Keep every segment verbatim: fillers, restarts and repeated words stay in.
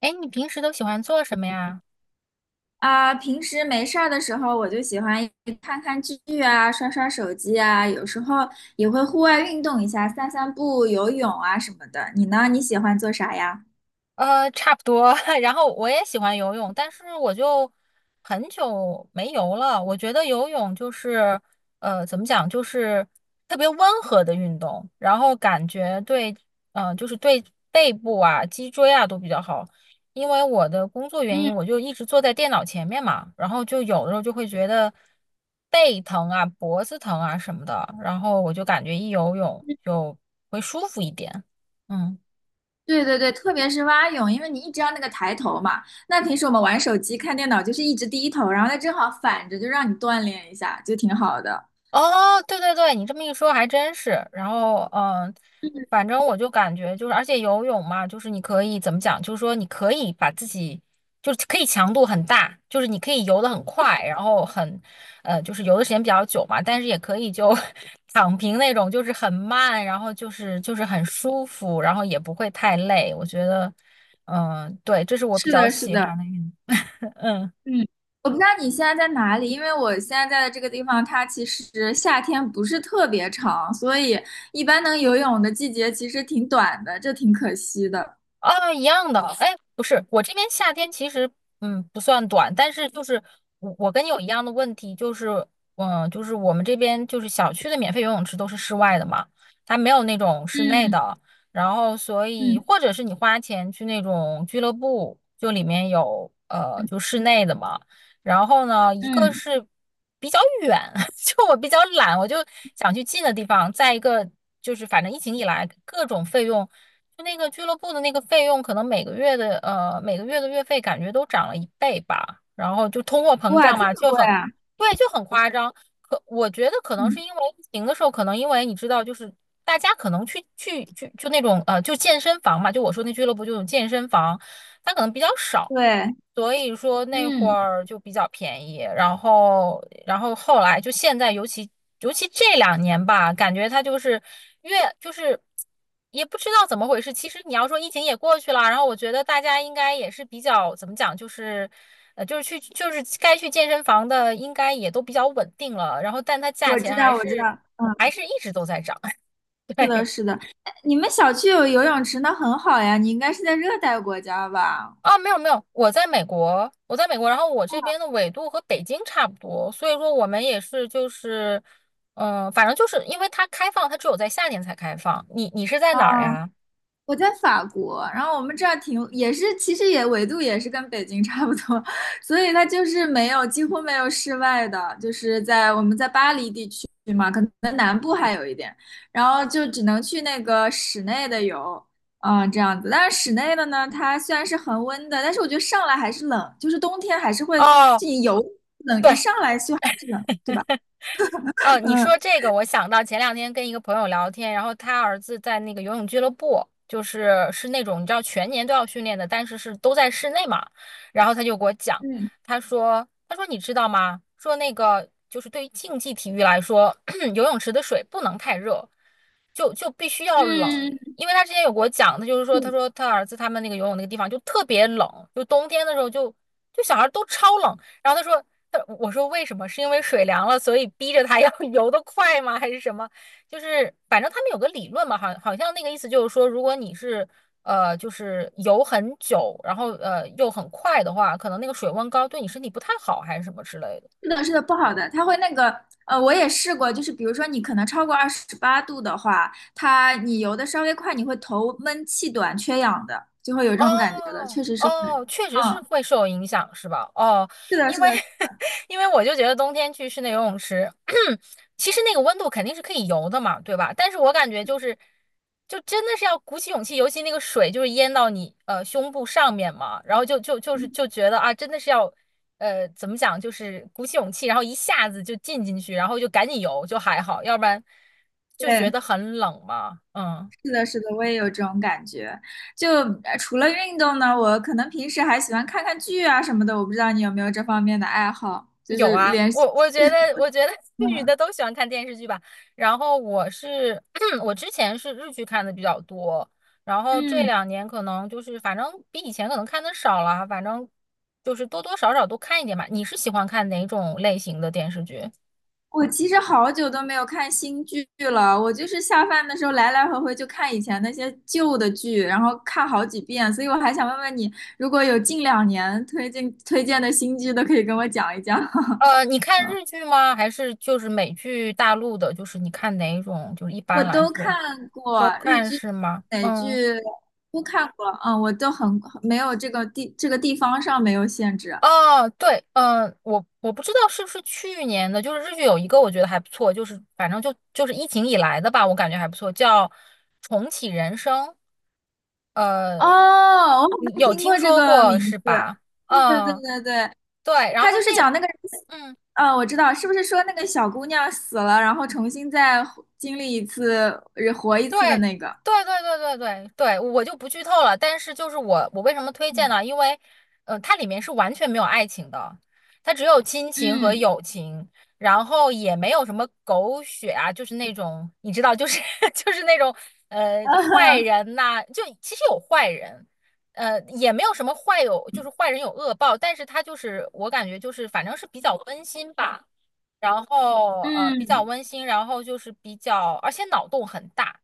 哎，你平时都喜欢做什么呀？啊，平时没事儿的时候，我就喜欢看看剧啊，刷刷手机啊，有时候也会户外运动一下，散散步、游泳啊什么的。你呢？你喜欢做啥呀？呃，差不多。然后我也喜欢游泳，但是我就很久没游了。我觉得游泳就是，呃，怎么讲，就是特别温和的运动，然后感觉对，呃，就是对背部啊、脊椎啊都比较好。因为我的工作原嗯，因，我就一直坐在电脑前面嘛，然后就有的时候就会觉得背疼啊、脖子疼啊什么的，然后我就感觉一游泳就会舒服一点。嗯。对对对，特别是蛙泳，因为你一直要那个抬头嘛。那平时我们玩手机、看电脑就是一直低头，然后它正好反着，就让你锻炼一下，就挺好的。哦，对对对，你这么一说还真是。然后，嗯，嗯，反正我就感觉就是，而且游泳嘛，就是你可以怎么讲，就是说你可以把自己，就是可以强度很大，就是你可以游得很快，然后很，呃，就是游的时间比较久嘛，但是也可以就 躺平那种，就是很慢，然后就是就是很舒服，然后也不会太累。我觉得，嗯，对，这是我比是较的，是喜欢的。的运嗯。嗯，我不知道你现在在哪里，因为我现在在的这个地方，它其实夏天不是特别长，所以一般能游泳的季节其实挺短的，这挺可惜的。啊，一样的。哎，不是，我这边夏天其实嗯不算短，但是就是我我跟你有一样的问题，就是嗯，就是我们这边就是小区的免费游泳池都是室外的嘛，它没有那种室内嗯的。然后所以嗯或者是你花钱去那种俱乐部，就里面有呃就室内的嘛。然后呢，一个嗯，是比较远，就我比较懒，我就想去近的地方。再一个就是，反正疫情以来，各种费用。就那个俱乐部的那个费用，可能每个月的呃每个月的月费感觉都涨了一倍吧，然后就通货膨哇，胀这么嘛，就贵很，啊！对，就很夸张。可我觉得可能是嗯，因为疫情的时候，可能因为你知道，就是大家可能去去去就那种呃就健身房嘛，就我说那俱乐部就有健身房，它可能比较少，对，所以说那会嗯，儿就比较便宜，然后，然后后来就现在，尤其尤其这两年吧，感觉它就是越就是也不知道怎么回事。其实你要说疫情也过去了，然后我觉得大家应该也是比较怎么讲，就是呃，就是去就是该去健身房的应该也都比较稳定了，然后但它价我钱知还道，我知道，是还嗯，是一直都在涨。是的，是的。哎你们小区有游泳池，那很好呀，你应该是在热带国家吧？啊，没有没有，我在美国，我在美国，然后我这边的纬度和北京差不多，所以说我们也是就是，嗯、反正就是因为它开放，它只有在夏天才开放。你你是在哪儿哦，呀？我在法国，然后我们这儿挺也是，其实也纬度也是跟北京差不多，所以它就是没有几乎没有室外的，就是在我们在巴黎地区嘛，可能南部还有一点，然后就只能去那个室内的游，嗯，这样子。但是室内的呢，它虽然是恒温的，但是我觉得上来还是冷，就是冬天还是会，哦，就你游冷一对。上来就还是冷，呃，你嗯说这个，我想到前两天跟一个朋友聊天，然后他儿子在那个游泳俱乐部，就是是那种你知道全年都要训练的，但是是都在室内嘛。然后他就给我讲，嗯他说，他说你知道吗？说那个就是对于竞技体育来说，游泳池的水不能太热，就就必须要冷。嗯，因为他之前有给我讲，他就是说，他说他儿子他们那个游泳那个地方就特别冷，就冬天的时候就就小孩都超冷然后他说，他我说为什么？是因为水凉了，所以逼着他要 游得快吗？还是什么？就是反正他们有个理论嘛，好好像那个意思就是说，如果你是呃就是游很久，然后呃又很快的话，可能那个水温高对你身体不太好，还是什么之类的。是的，是的，不好的，它会那个，呃，我也试过，就是比如说你可能超过二十八度的话，它你游的稍微快，你会头闷气短、缺氧的，就会有这种感觉的，哦确实是会。哦，确实是嗯，会受影响，是吧？哦，是的，因是为 的，因为我就觉得冬天去室内游泳池，其实那个温度肯定是可以游的嘛，对吧？但是我感觉就是，就真的是要鼓起勇气，尤其那个水就是淹到你呃胸部上面嘛，然后就就就是嗯就觉得啊，真的是要呃怎么讲，就是鼓起勇气，然后一下子就进进去，然后就赶紧游就还好，要不然就觉对，得很冷嘛，嗯。是的，是的，我也有这种感觉。就呃除了运动呢，我可能平时还喜欢看看剧啊什么的，我不知道你有没有这方面的爱好，就有是啊，连续，我我觉得，我觉得 女嗯的都喜欢看电视剧吧。然后我是，我之前是日剧看的比较多，然后这嗯。两年可能就是反正比以前可能看的少了，反正就是多多少少都看一点吧。你是喜欢看哪种类型的电视剧？我其实好久都没有看新剧了，我就是下饭的时候来来回回就看以前那些旧的剧，然后看好几遍，所以我还想问问你，如果有近两年推荐推荐的新剧，都可以跟我讲一讲。呃，你看日剧吗？还是就是美剧、大陆的？就是你看哪一种？就是一我般来都说看都过日看剧、是吗？美嗯。剧都看过，嗯，我都很没有这个地这个地方上没有限制。哦，对，嗯、我我不知道是不是去年的，就是日剧有一个我觉得还不错，就是反正就就是疫情以来的吧，我感觉还不错，叫《重启人生》。呃，哦，我好你像有听听过这说个过名是字。吧？对对对嗯，对对，对，然他后就是那。讲那个人嗯。嗯，我知道，是不是说那个小姑娘死了，然后重新再活经历一次，呃活一对，次的那个？对对对对对对，我就不剧透了。但是就是我，我为什么推荐嗯，呢？因为，呃，它里面是完全没有爱情的，它只有亲情和嗯 友情，然后也没有什么狗血啊，就是那种你知道，就是 就是那种呃坏 人呐、就其实有坏人，呃，也没有什么坏有，就是坏人有恶报，但是他就是我感觉就是反正是比较温馨吧。然后呃嗯，比较嗯，温馨，然后就是比较，而且脑洞很大，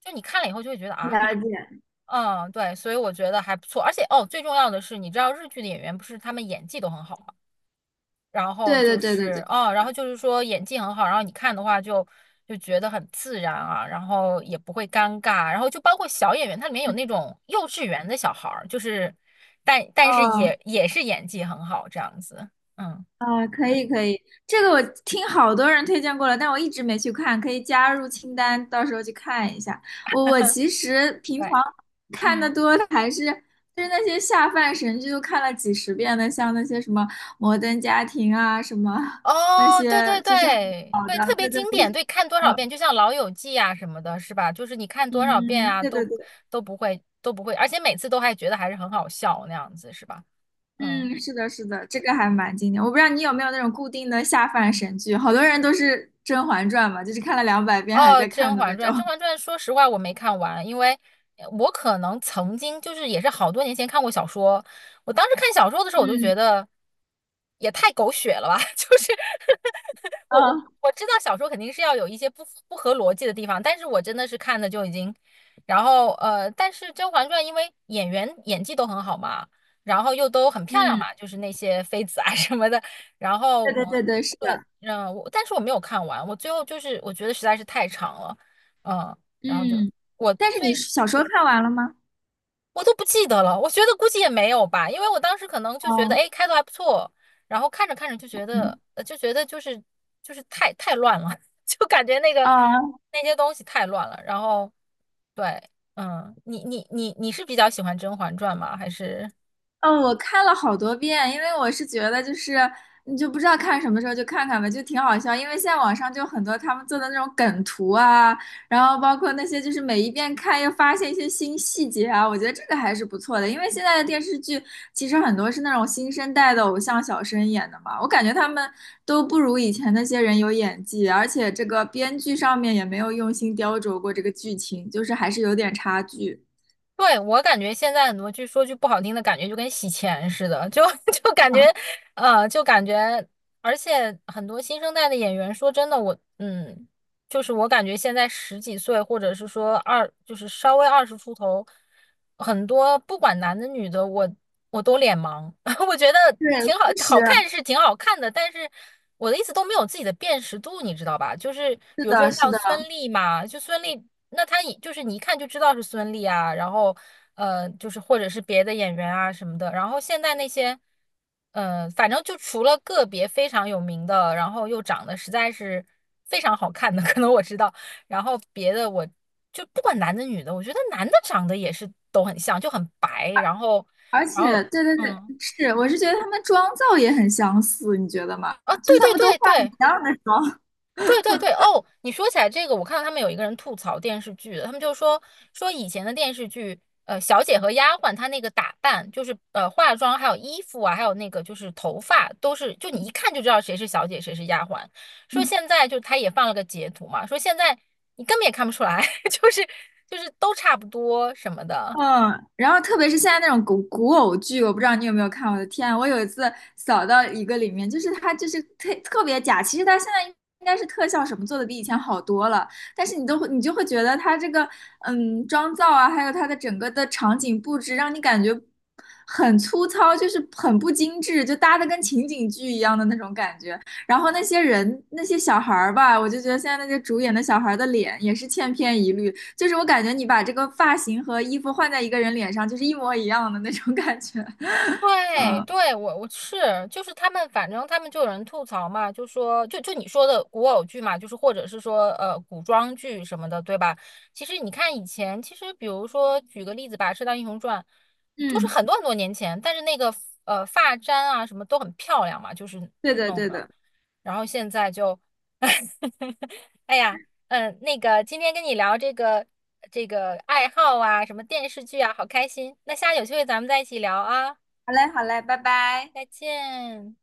就你看了以后就会觉得啊，了解。嗯，对，所以我觉得还不错。而且哦，最重要的是，你知道日剧的演员不是他们演技都很好吗？然后对对就对对是对，哦，然后就是说演技很好，然后你看的话就就觉得很自然啊，然后也不会尴尬，然后就包括小演员，它里面有那种幼稚园的小孩儿，就是但但是哦。也也是演技很好这样子，嗯，啊，可以可以，这个我听好多人推荐过了，但我一直没去看，可以加入清单，到时候去看一下。我我其实 平常对，看的嗯。多的还是就是那些下饭神剧，都看了几十遍的，像那些什么《摩登家庭》啊，什么那哦，对对些就是很对老对，特的，别对对经对，典，对，看多少遍，嗯就像《老友记》啊什么的，是吧？就是你看多少遍嗯，啊，对对都对，都不会都不会，而且每次都还觉得还是很好笑那样子，是吧？嗯。嗯，是的，是的，这个还蛮经典。我不知道你有没有那种固定的下饭神剧，好多人都是《甄嬛传》嘛，就是看了两百遍还哦，在看《甄的嬛那种。传》，《甄 嬛传》说实话我没看完，因为呃我可能曾经就是也是好多年前看过小说，我当时看小说的时候我就嗯，觉得也太狗血了吧，就是我我嗯，我知道小说肯定是要有一些不不合逻辑的地方，但是我真的是看的就已经，然后呃，但是《甄嬛传》因为演员演技都很好嘛，然后又都很漂亮嗯嘛，就是那些妃子啊 什么的，然后对对我对对，是对，的。嗯，我但是我没有看完，我最后就是我觉得实在是太长了，嗯，然后就嗯，我但是你最小时候看完了吗？我都不记得了，我觉得估计也没有吧，因为我当时可能就觉得，哦，哎，开头还不错，然后看着看着就觉得，嗯呃就觉得就是就是太太乱了，就感觉那个哦，那些东西太乱了，然后对，嗯，你你你你是比较喜欢《甄嬛传》吗？还是？嗯，我看了好多遍，因为我是觉得就是你就不知道看什么时候就看看吧，就挺好笑。因为现在网上就很多他们做的那种梗图啊，然后包括那些就是每一遍看又发现一些新细节啊，我觉得这个还是不错的。因为现在的电视剧其实很多是那种新生代的偶像小生演的嘛，我感觉他们都不如以前那些人有演技，而且这个编剧上面也没有用心雕琢过这个剧情，就是还是有点差距。对，我感觉现在很多剧，就说句不好听的，感觉就跟洗钱似的，就 就感觉，嗯，呃，就感觉，而且很多新生代的演员，说真的，我，嗯，就是我感觉现在十几岁，或者是说二，就是稍微二十出头，很多不管男的女的，我我都脸盲。我觉得对，挺好，确好实看是挺好看的，但是我的意思都没有自己的辨识度，你知道吧？就是是比如说的，是像的。孙俪嘛，就孙俪，那她一就是你一看就知道是孙俪啊，然后呃，就是或者是别的演员啊什么的，然后现在那些。嗯，反正就除了个别非常有名的，然后又长得实在是非常好看的，可能我知道。然后别的我就不管男的女的，我觉得男的长得也是都很像，就很白，然后，而且，然后，对对对，嗯是，嗯，我是觉得他们妆造也很相似，你觉得吗？啊，就对是他对们都对化一对，样的妆。对对对，哦，你说起来这个，我看到他们有一个人吐槽电视剧的，他们就说说以前的电视剧，呃，小姐和丫鬟她那个打扮，就是呃化妆，还有衣服啊，还有那个就是头发，都是就你一看就知道谁是小姐，谁是丫鬟。说现在就他也放了个截图嘛，说现在你根本也看不出来，就是就是都差不多什么的。嗯，然后特别是现在那种古古偶剧，我不知道你有没有看。我的天啊，我有一次扫到一个里面，就是它就是特特别假。其实它现在应该是特效什么做的比以前好多了，但是你都会你就会觉得它这个嗯妆造啊，还有它的整个的场景布置，让你感觉很粗糙，就是很不精致，就搭的跟情景剧一样的那种感觉。然后那些人那些小孩儿吧，我就觉得现在那些主演的小孩儿的脸也是千篇一律。就是我感觉你把这个发型和衣服换在一个人脸上，就是一模一样的那种感觉。对嗯对，我我是就是他们，反正他们就有人吐槽嘛，就说就就你说的古偶剧嘛，就是或者是说呃古装剧什么的，对吧？其实你看以前，其实比如说举个例子吧，《射雕英雄传》就是嗯，很多很多年前，但是那个呃发簪啊什么都很漂亮嘛，就是对的弄对的。的。然后现在就，哎呀，嗯，那个今天跟你聊这个这个爱好啊，什么电视剧啊，好开心。那下次有机会咱们再一起聊啊。好嘞好嘞，拜拜。再见。